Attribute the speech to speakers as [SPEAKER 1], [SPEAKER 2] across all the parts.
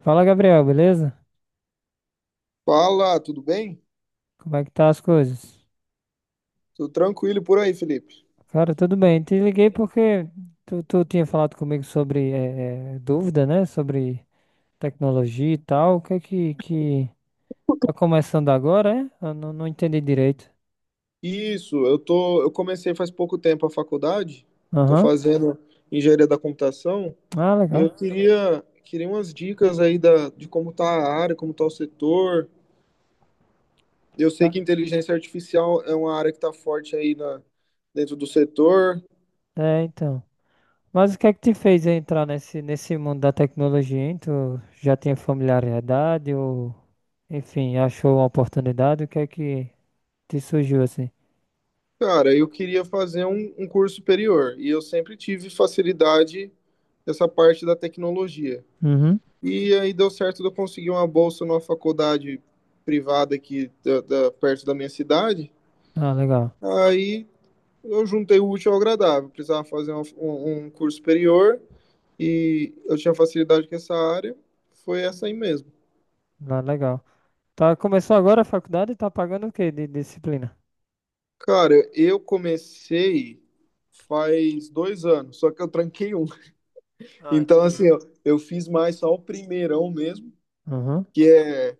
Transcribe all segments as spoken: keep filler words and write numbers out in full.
[SPEAKER 1] Fala, Gabriel, beleza?
[SPEAKER 2] Fala, tudo bem?
[SPEAKER 1] Como é que tá as coisas?
[SPEAKER 2] Tudo tranquilo por aí, Felipe?
[SPEAKER 1] Cara, tudo bem. Te liguei porque tu, tu tinha falado comigo sobre eh, eh, dúvida, né? Sobre tecnologia e tal. O que é que, que tá começando agora, é? Eu não, não entendi direito.
[SPEAKER 2] Isso, eu tô, eu comecei faz pouco tempo a faculdade, tô
[SPEAKER 1] Aham.
[SPEAKER 2] fazendo engenharia da computação
[SPEAKER 1] Ah,
[SPEAKER 2] e
[SPEAKER 1] legal.
[SPEAKER 2] eu queria, queria umas dicas aí da, de como tá a área, como tá o setor. Eu sei
[SPEAKER 1] Tá.
[SPEAKER 2] que inteligência artificial é uma área que tá forte aí na, dentro do setor.
[SPEAKER 1] É, então. Mas o que é que te fez entrar nesse, nesse mundo da tecnologia, hein? Tu já tinha familiaridade ou, enfim, achou uma oportunidade? O que é que te surgiu assim?
[SPEAKER 2] Cara, eu queria fazer um, um curso superior e eu sempre tive facilidade nessa parte da tecnologia.
[SPEAKER 1] Uhum.
[SPEAKER 2] E aí deu certo de eu conseguir uma bolsa numa faculdade privada aqui da, da- perto da minha cidade.
[SPEAKER 1] Ah, legal.
[SPEAKER 2] Aí eu juntei o útil ao agradável. Precisava fazer uma- um, um curso superior e eu tinha facilidade com essa área. Foi essa aí mesmo.
[SPEAKER 1] Ah, legal. Tá, começou agora a faculdade e tá pagando o quê de disciplina?
[SPEAKER 2] Cara, eu comecei faz dois anos, só que eu tranquei um.
[SPEAKER 1] Ah,
[SPEAKER 2] Então,
[SPEAKER 1] entendi.
[SPEAKER 2] assim, eu, eu fiz mais só o primeirão mesmo,
[SPEAKER 1] Uhum.
[SPEAKER 2] que é,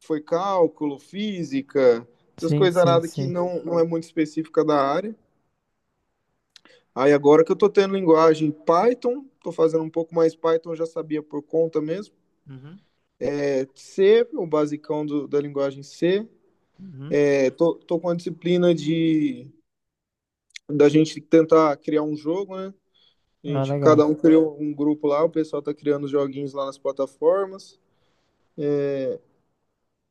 [SPEAKER 2] foi cálculo, física, essas
[SPEAKER 1] Sim,
[SPEAKER 2] coisas
[SPEAKER 1] sim,
[SPEAKER 2] nada que
[SPEAKER 1] sim.
[SPEAKER 2] não, não é muito específica da área. Aí agora que eu tô tendo linguagem Python, tô fazendo um pouco mais Python, já sabia por conta mesmo.
[SPEAKER 1] Uhum,
[SPEAKER 2] É C, o basicão do, da linguagem C.
[SPEAKER 1] uhum.
[SPEAKER 2] É, tô, tô com a disciplina de da gente tentar criar um jogo, né? A
[SPEAKER 1] Ah,
[SPEAKER 2] gente,
[SPEAKER 1] legal.
[SPEAKER 2] cada um criou um grupo lá, o pessoal tá criando os joguinhos lá nas plataformas.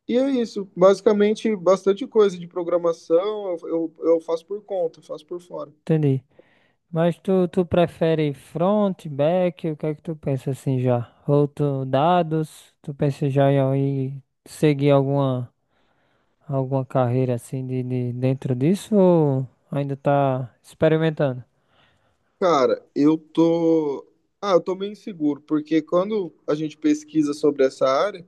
[SPEAKER 2] E é isso, basicamente bastante coisa de programação, eu, eu, eu faço por conta, faço por fora.
[SPEAKER 1] Entendi. Mas tu, tu prefere front, back? O que é que tu pensa assim já? Ou tu, dados? Tu pensa já em, em seguir alguma, alguma carreira assim de, de dentro disso? Ou ainda tá experimentando?
[SPEAKER 2] Cara, eu tô. Ah, eu tô meio inseguro, porque quando a gente pesquisa sobre essa área,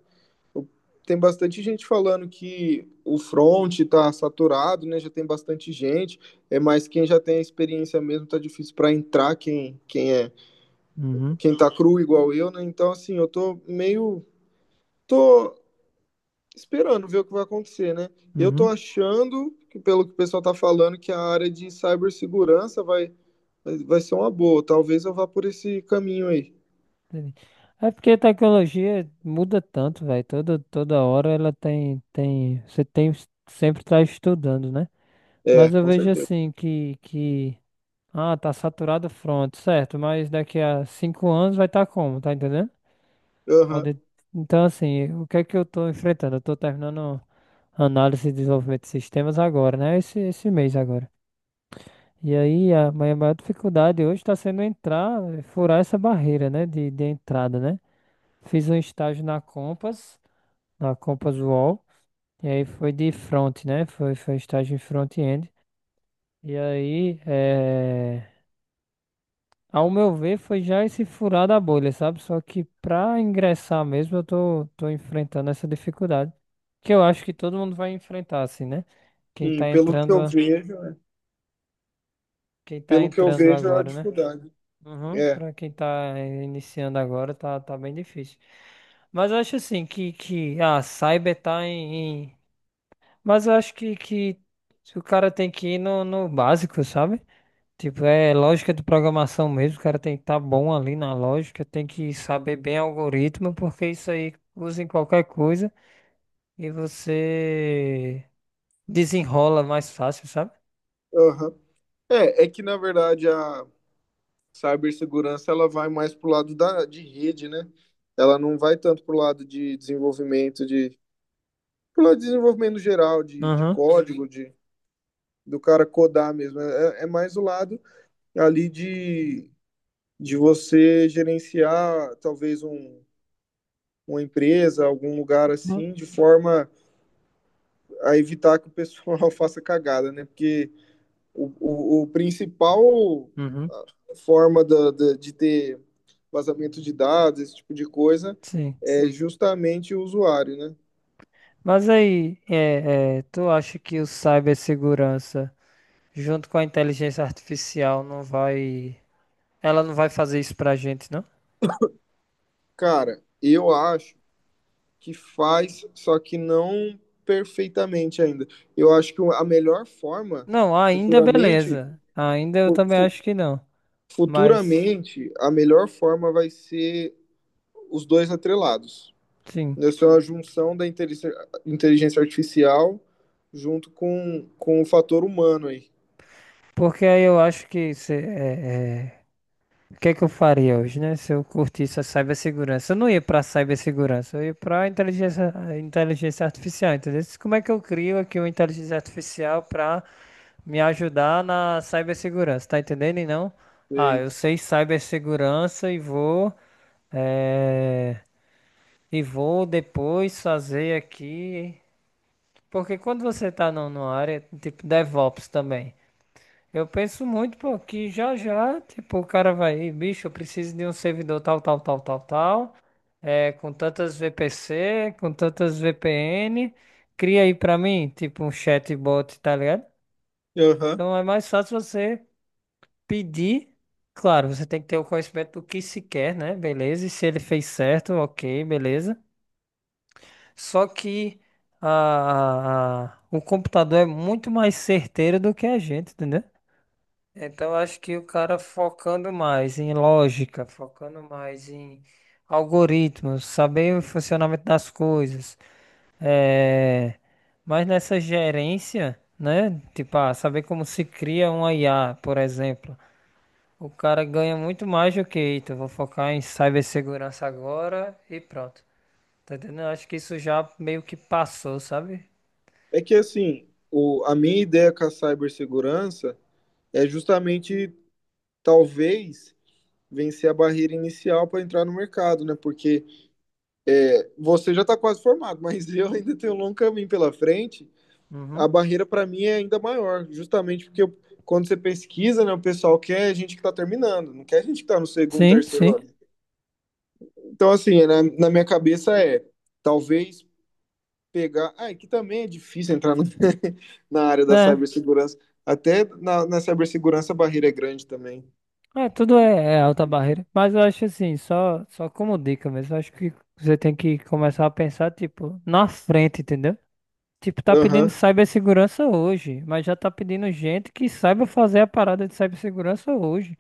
[SPEAKER 2] tem bastante gente falando que o front está saturado, né? Já tem bastante gente. É mais quem já tem a experiência mesmo tá difícil para entrar quem quem é
[SPEAKER 1] Uhum,
[SPEAKER 2] quem tá cru igual eu, né? Então assim, eu tô meio tô esperando ver o que vai acontecer, né? Eu tô
[SPEAKER 1] uhum.
[SPEAKER 2] achando que pelo que o pessoal tá falando que a área de cibersegurança vai vai ser uma boa. Talvez eu vá por esse caminho aí.
[SPEAKER 1] Entendi. É porque a tecnologia muda tanto, velho. Toda, toda hora ela tem, tem, você tem sempre tá estudando, né?
[SPEAKER 2] É,
[SPEAKER 1] Mas eu
[SPEAKER 2] com
[SPEAKER 1] vejo
[SPEAKER 2] certeza.
[SPEAKER 1] assim que, que, ah, tá saturado o front, certo? Mas daqui a cinco anos vai estar como, tá entendendo?
[SPEAKER 2] Aham.
[SPEAKER 1] Pode- Então assim, o que é que eu tô enfrentando? Eu tô terminando análise e desenvolvimento de sistemas agora, né? Esse, esse mês agora. E aí a minha maior dificuldade hoje está sendo entrar, furar essa barreira, né? De, de entrada, né? Fiz um estágio na Compass, na Compass Wall, e aí foi de front, né? Foi, foi estágio em front-end. E aí, eh, ao meu ver, foi já esse furar da bolha, sabe? Só que para ingressar mesmo, eu tô, tô enfrentando essa dificuldade, que eu acho que todo mundo vai enfrentar, assim, né? Quem
[SPEAKER 2] Sim,
[SPEAKER 1] tá
[SPEAKER 2] pelo que
[SPEAKER 1] entrando,
[SPEAKER 2] eu
[SPEAKER 1] a-
[SPEAKER 2] vejo,
[SPEAKER 1] quem tá
[SPEAKER 2] pelo que eu
[SPEAKER 1] entrando
[SPEAKER 2] vejo é a
[SPEAKER 1] agora, né?
[SPEAKER 2] dificuldade.
[SPEAKER 1] Uhum,
[SPEAKER 2] É.
[SPEAKER 1] para quem tá iniciando agora, tá, tá bem difícil. Mas eu acho assim que, que a Cyber tá em, em- Mas eu acho que, que o cara tem que ir no, no básico, sabe? Tipo, é lógica de programação mesmo, o cara tem que estar bom ali na lógica, tem que saber bem algoritmo, porque isso aí usa em qualquer coisa e você desenrola mais fácil, sabe?
[SPEAKER 2] Aham. É, é que na verdade a cibersegurança ela vai mais pro lado da, de rede, né? Ela não vai tanto pro lado de desenvolvimento de pro lado de desenvolvimento geral de, de
[SPEAKER 1] Aham.
[SPEAKER 2] código, de do cara codar mesmo. É, é é mais o lado ali de, de você gerenciar talvez um, uma empresa, algum lugar
[SPEAKER 1] Uhum.
[SPEAKER 2] assim, de forma a evitar que o pessoal faça cagada, né? Porque o, o, o principal
[SPEAKER 1] Uhum.
[SPEAKER 2] forma da- da- de ter vazamento de dados, esse tipo de coisa,
[SPEAKER 1] Sim.
[SPEAKER 2] é Sim. justamente o usuário, né?
[SPEAKER 1] Mas aí, é, é, tu acha que o cibersegurança, junto com a inteligência artificial, não vai. Ela não vai fazer isso pra gente, não?
[SPEAKER 2] Cara, eu acho que faz, só que não perfeitamente ainda. Eu acho que a melhor forma,
[SPEAKER 1] Não, ainda
[SPEAKER 2] futuramente,
[SPEAKER 1] beleza. Ainda eu também
[SPEAKER 2] fu-
[SPEAKER 1] acho que não. Mas,
[SPEAKER 2] futuramente, a melhor forma vai ser os dois atrelados.
[SPEAKER 1] sim.
[SPEAKER 2] Isso é uma junção da inteligência inteligência artificial junto com, com o fator humano aí.
[SPEAKER 1] Porque aí eu acho que. se- é, é, O que é que eu faria hoje, né? Se eu curtisse a cibersegurança. Eu não ia pra cibersegurança, eu ia pra inteligência, a inteligência artificial, entendeu? Como é que eu crio aqui uma inteligência artificial pra me ajudar na cibersegurança, tá entendendo? E não, ah,
[SPEAKER 2] Sei.
[SPEAKER 1] eu sei cibersegurança e vou, eh, e vou depois fazer aqui. Porque quando você tá num- numa área, tipo DevOps também, eu penso muito, pô, que já já, tipo, o cara vai, bicho, eu preciso de um servidor tal, tal, tal, tal, tal, é, com tantas V P C, com tantas V P N, cria aí pra mim, tipo, um chatbot, tá ligado?
[SPEAKER 2] Aham.
[SPEAKER 1] Então é mais fácil você pedir, claro, você tem que ter o conhecimento do que se quer, né? Beleza, e se ele fez certo, ok, beleza. Só que a, o computador é muito mais certeiro do que a gente, entendeu? Então eu acho que o cara focando mais em lógica, focando mais em algoritmos, saber o funcionamento das coisas, é, mas nessa gerência, né? Tipo, ah, saber como se cria um I A, por exemplo. O cara ganha muito mais do que, eita, eu vou focar em cibersegurança agora e pronto. Tá entendendo? Eu acho que isso já meio que passou, sabe?
[SPEAKER 2] É que assim, o, a minha ideia com a cibersegurança é justamente, talvez, vencer a barreira inicial para entrar no mercado, né? Porque você já está quase formado, mas eu ainda tenho um longo caminho pela frente.
[SPEAKER 1] Uhum.
[SPEAKER 2] A barreira para mim é ainda maior, justamente porque eu, quando você pesquisa, né, o pessoal quer a gente que está terminando, não quer a gente que está no segundo,
[SPEAKER 1] Sim,
[SPEAKER 2] terceiro
[SPEAKER 1] sim.
[SPEAKER 2] ano. Então, assim, na, na minha cabeça é talvez pegar. Ah, e que também é difícil entrar no- na área da
[SPEAKER 1] Né?
[SPEAKER 2] cibersegurança. Até na, na cibersegurança a barreira é grande também.
[SPEAKER 1] É, tudo é, é alta barreira. Mas eu acho assim, só, só como dica mesmo, eu acho que você tem que começar a pensar, tipo, na frente, entendeu? Tipo, tá pedindo
[SPEAKER 2] Aham,
[SPEAKER 1] cibersegurança hoje, mas já tá pedindo gente que saiba fazer a parada de cibersegurança hoje.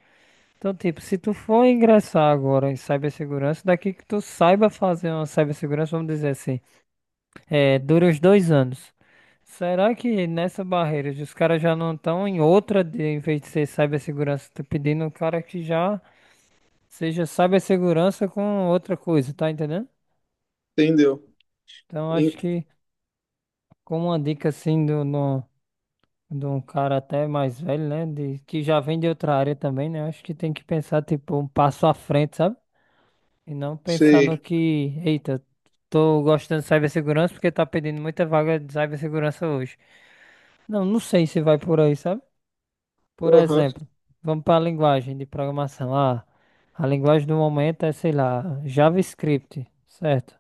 [SPEAKER 1] Então, tipo, se tu for ingressar agora em cibersegurança, daqui que tu saiba fazer uma cibersegurança, vamos dizer assim. É, dura os dois anos. Será que nessa barreira os caras já não estão em outra de, em vez de ser cibersegurança, tá pedindo um cara que já seja cibersegurança com outra coisa, tá entendendo?
[SPEAKER 2] entendeu.
[SPEAKER 1] Então
[SPEAKER 2] En-
[SPEAKER 1] acho que como uma dica assim do, no, de um cara até mais velho, né, de, que já vem de outra área também, né, acho que tem que pensar tipo um passo à frente, sabe? E não pensar no
[SPEAKER 2] Sei.
[SPEAKER 1] que, eita, tô gostando de cibersegurança porque tá pedindo muita vaga de cibersegurança hoje. Não, não sei se vai por aí, sabe? Por
[SPEAKER 2] Aham,
[SPEAKER 1] exemplo, vamos para a linguagem de programação. Ah, a linguagem do momento é, sei lá, JavaScript, certo?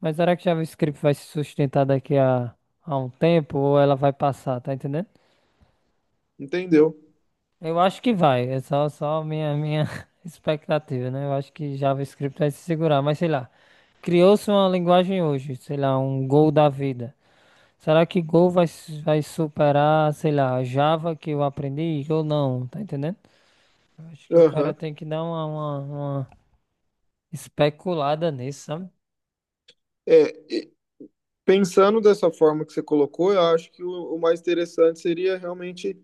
[SPEAKER 1] Mas será que JavaScript vai se sustentar daqui a, a um tempo ou ela vai passar, tá entendendo?
[SPEAKER 2] entendeu.
[SPEAKER 1] Eu acho que vai. É só, só minha, minha expectativa, né? Eu acho que JavaScript vai se segurar, mas sei lá. Criou-se uma linguagem hoje, sei lá, um Go da vida. Será que Go vai, su- vai superar, sei lá, a Java que eu aprendi ou não? Tá entendendo? Eu acho que o cara
[SPEAKER 2] Aham.
[SPEAKER 1] tem que dar uma, uma, uma especulada nisso, sabe?
[SPEAKER 2] É, e pensando dessa forma que você colocou, eu acho que o, o mais interessante seria realmente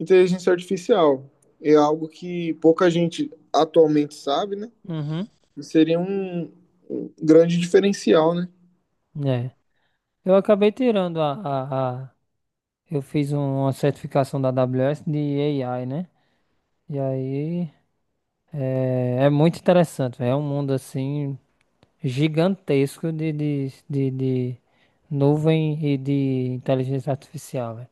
[SPEAKER 2] inteligência artificial. É algo que pouca gente atualmente sabe, né?
[SPEAKER 1] Uhum.
[SPEAKER 2] E seria um, um grande diferencial, né?
[SPEAKER 1] É. Eu acabei tirando a, a, a... Eu fiz uma certificação da A W S de A I, né? E aí. É, é muito interessante, véio. É um mundo assim gigantesco de, de, de, de nuvem e de inteligência artificial, véio.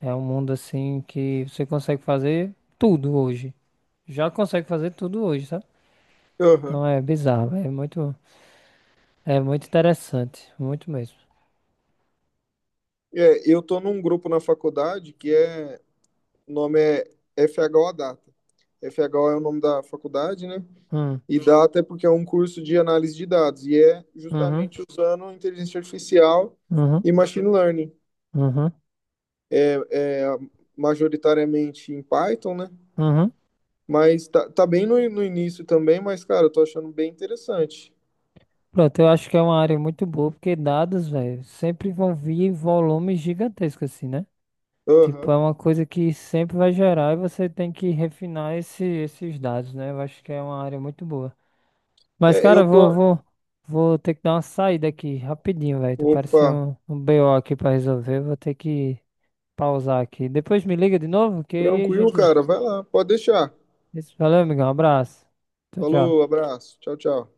[SPEAKER 1] É um mundo assim que você consegue fazer tudo hoje. Já consegue fazer tudo hoje, sabe?
[SPEAKER 2] Aham.
[SPEAKER 1] Então é bizarro, véio. É muito, é muito interessante, muito mesmo.
[SPEAKER 2] É, eu tô num grupo na faculdade que é O nome é F H O Data. F H O é o nome da faculdade, né?
[SPEAKER 1] Hum,
[SPEAKER 2] E Data é porque é um curso de análise de dados e é
[SPEAKER 1] uhum,
[SPEAKER 2] justamente usando inteligência artificial
[SPEAKER 1] uhum,
[SPEAKER 2] e machine learning.
[SPEAKER 1] uhum,
[SPEAKER 2] É majoritariamente em Python, né?
[SPEAKER 1] uhum.
[SPEAKER 2] Mas tá, tá bem no, no início também, mas, cara, eu tô achando bem interessante.
[SPEAKER 1] Pronto, eu acho que é uma área muito boa, porque dados, velho, sempre vão vir em volumes gigantescos, assim, né? Tipo,
[SPEAKER 2] Aham.
[SPEAKER 1] é uma coisa que sempre vai gerar e você tem que refinar esse- esses dados, né? Eu acho que é uma área muito boa. Mas,
[SPEAKER 2] É,
[SPEAKER 1] cara,
[SPEAKER 2] eu
[SPEAKER 1] eu vou,
[SPEAKER 2] tô.
[SPEAKER 1] vou, vou ter que dar uma saída aqui rapidinho, velho. Tu
[SPEAKER 2] Opa,
[SPEAKER 1] pareceu um, um B O aqui pra resolver. Vou ter que pausar aqui. Depois me liga de novo, que aí a
[SPEAKER 2] tranquilo,
[SPEAKER 1] gente.
[SPEAKER 2] cara. Vai lá, pode deixar.
[SPEAKER 1] Valeu, amigão. Um abraço. Tchau,
[SPEAKER 2] Falou,
[SPEAKER 1] tchau.
[SPEAKER 2] abraço. Tchau, tchau.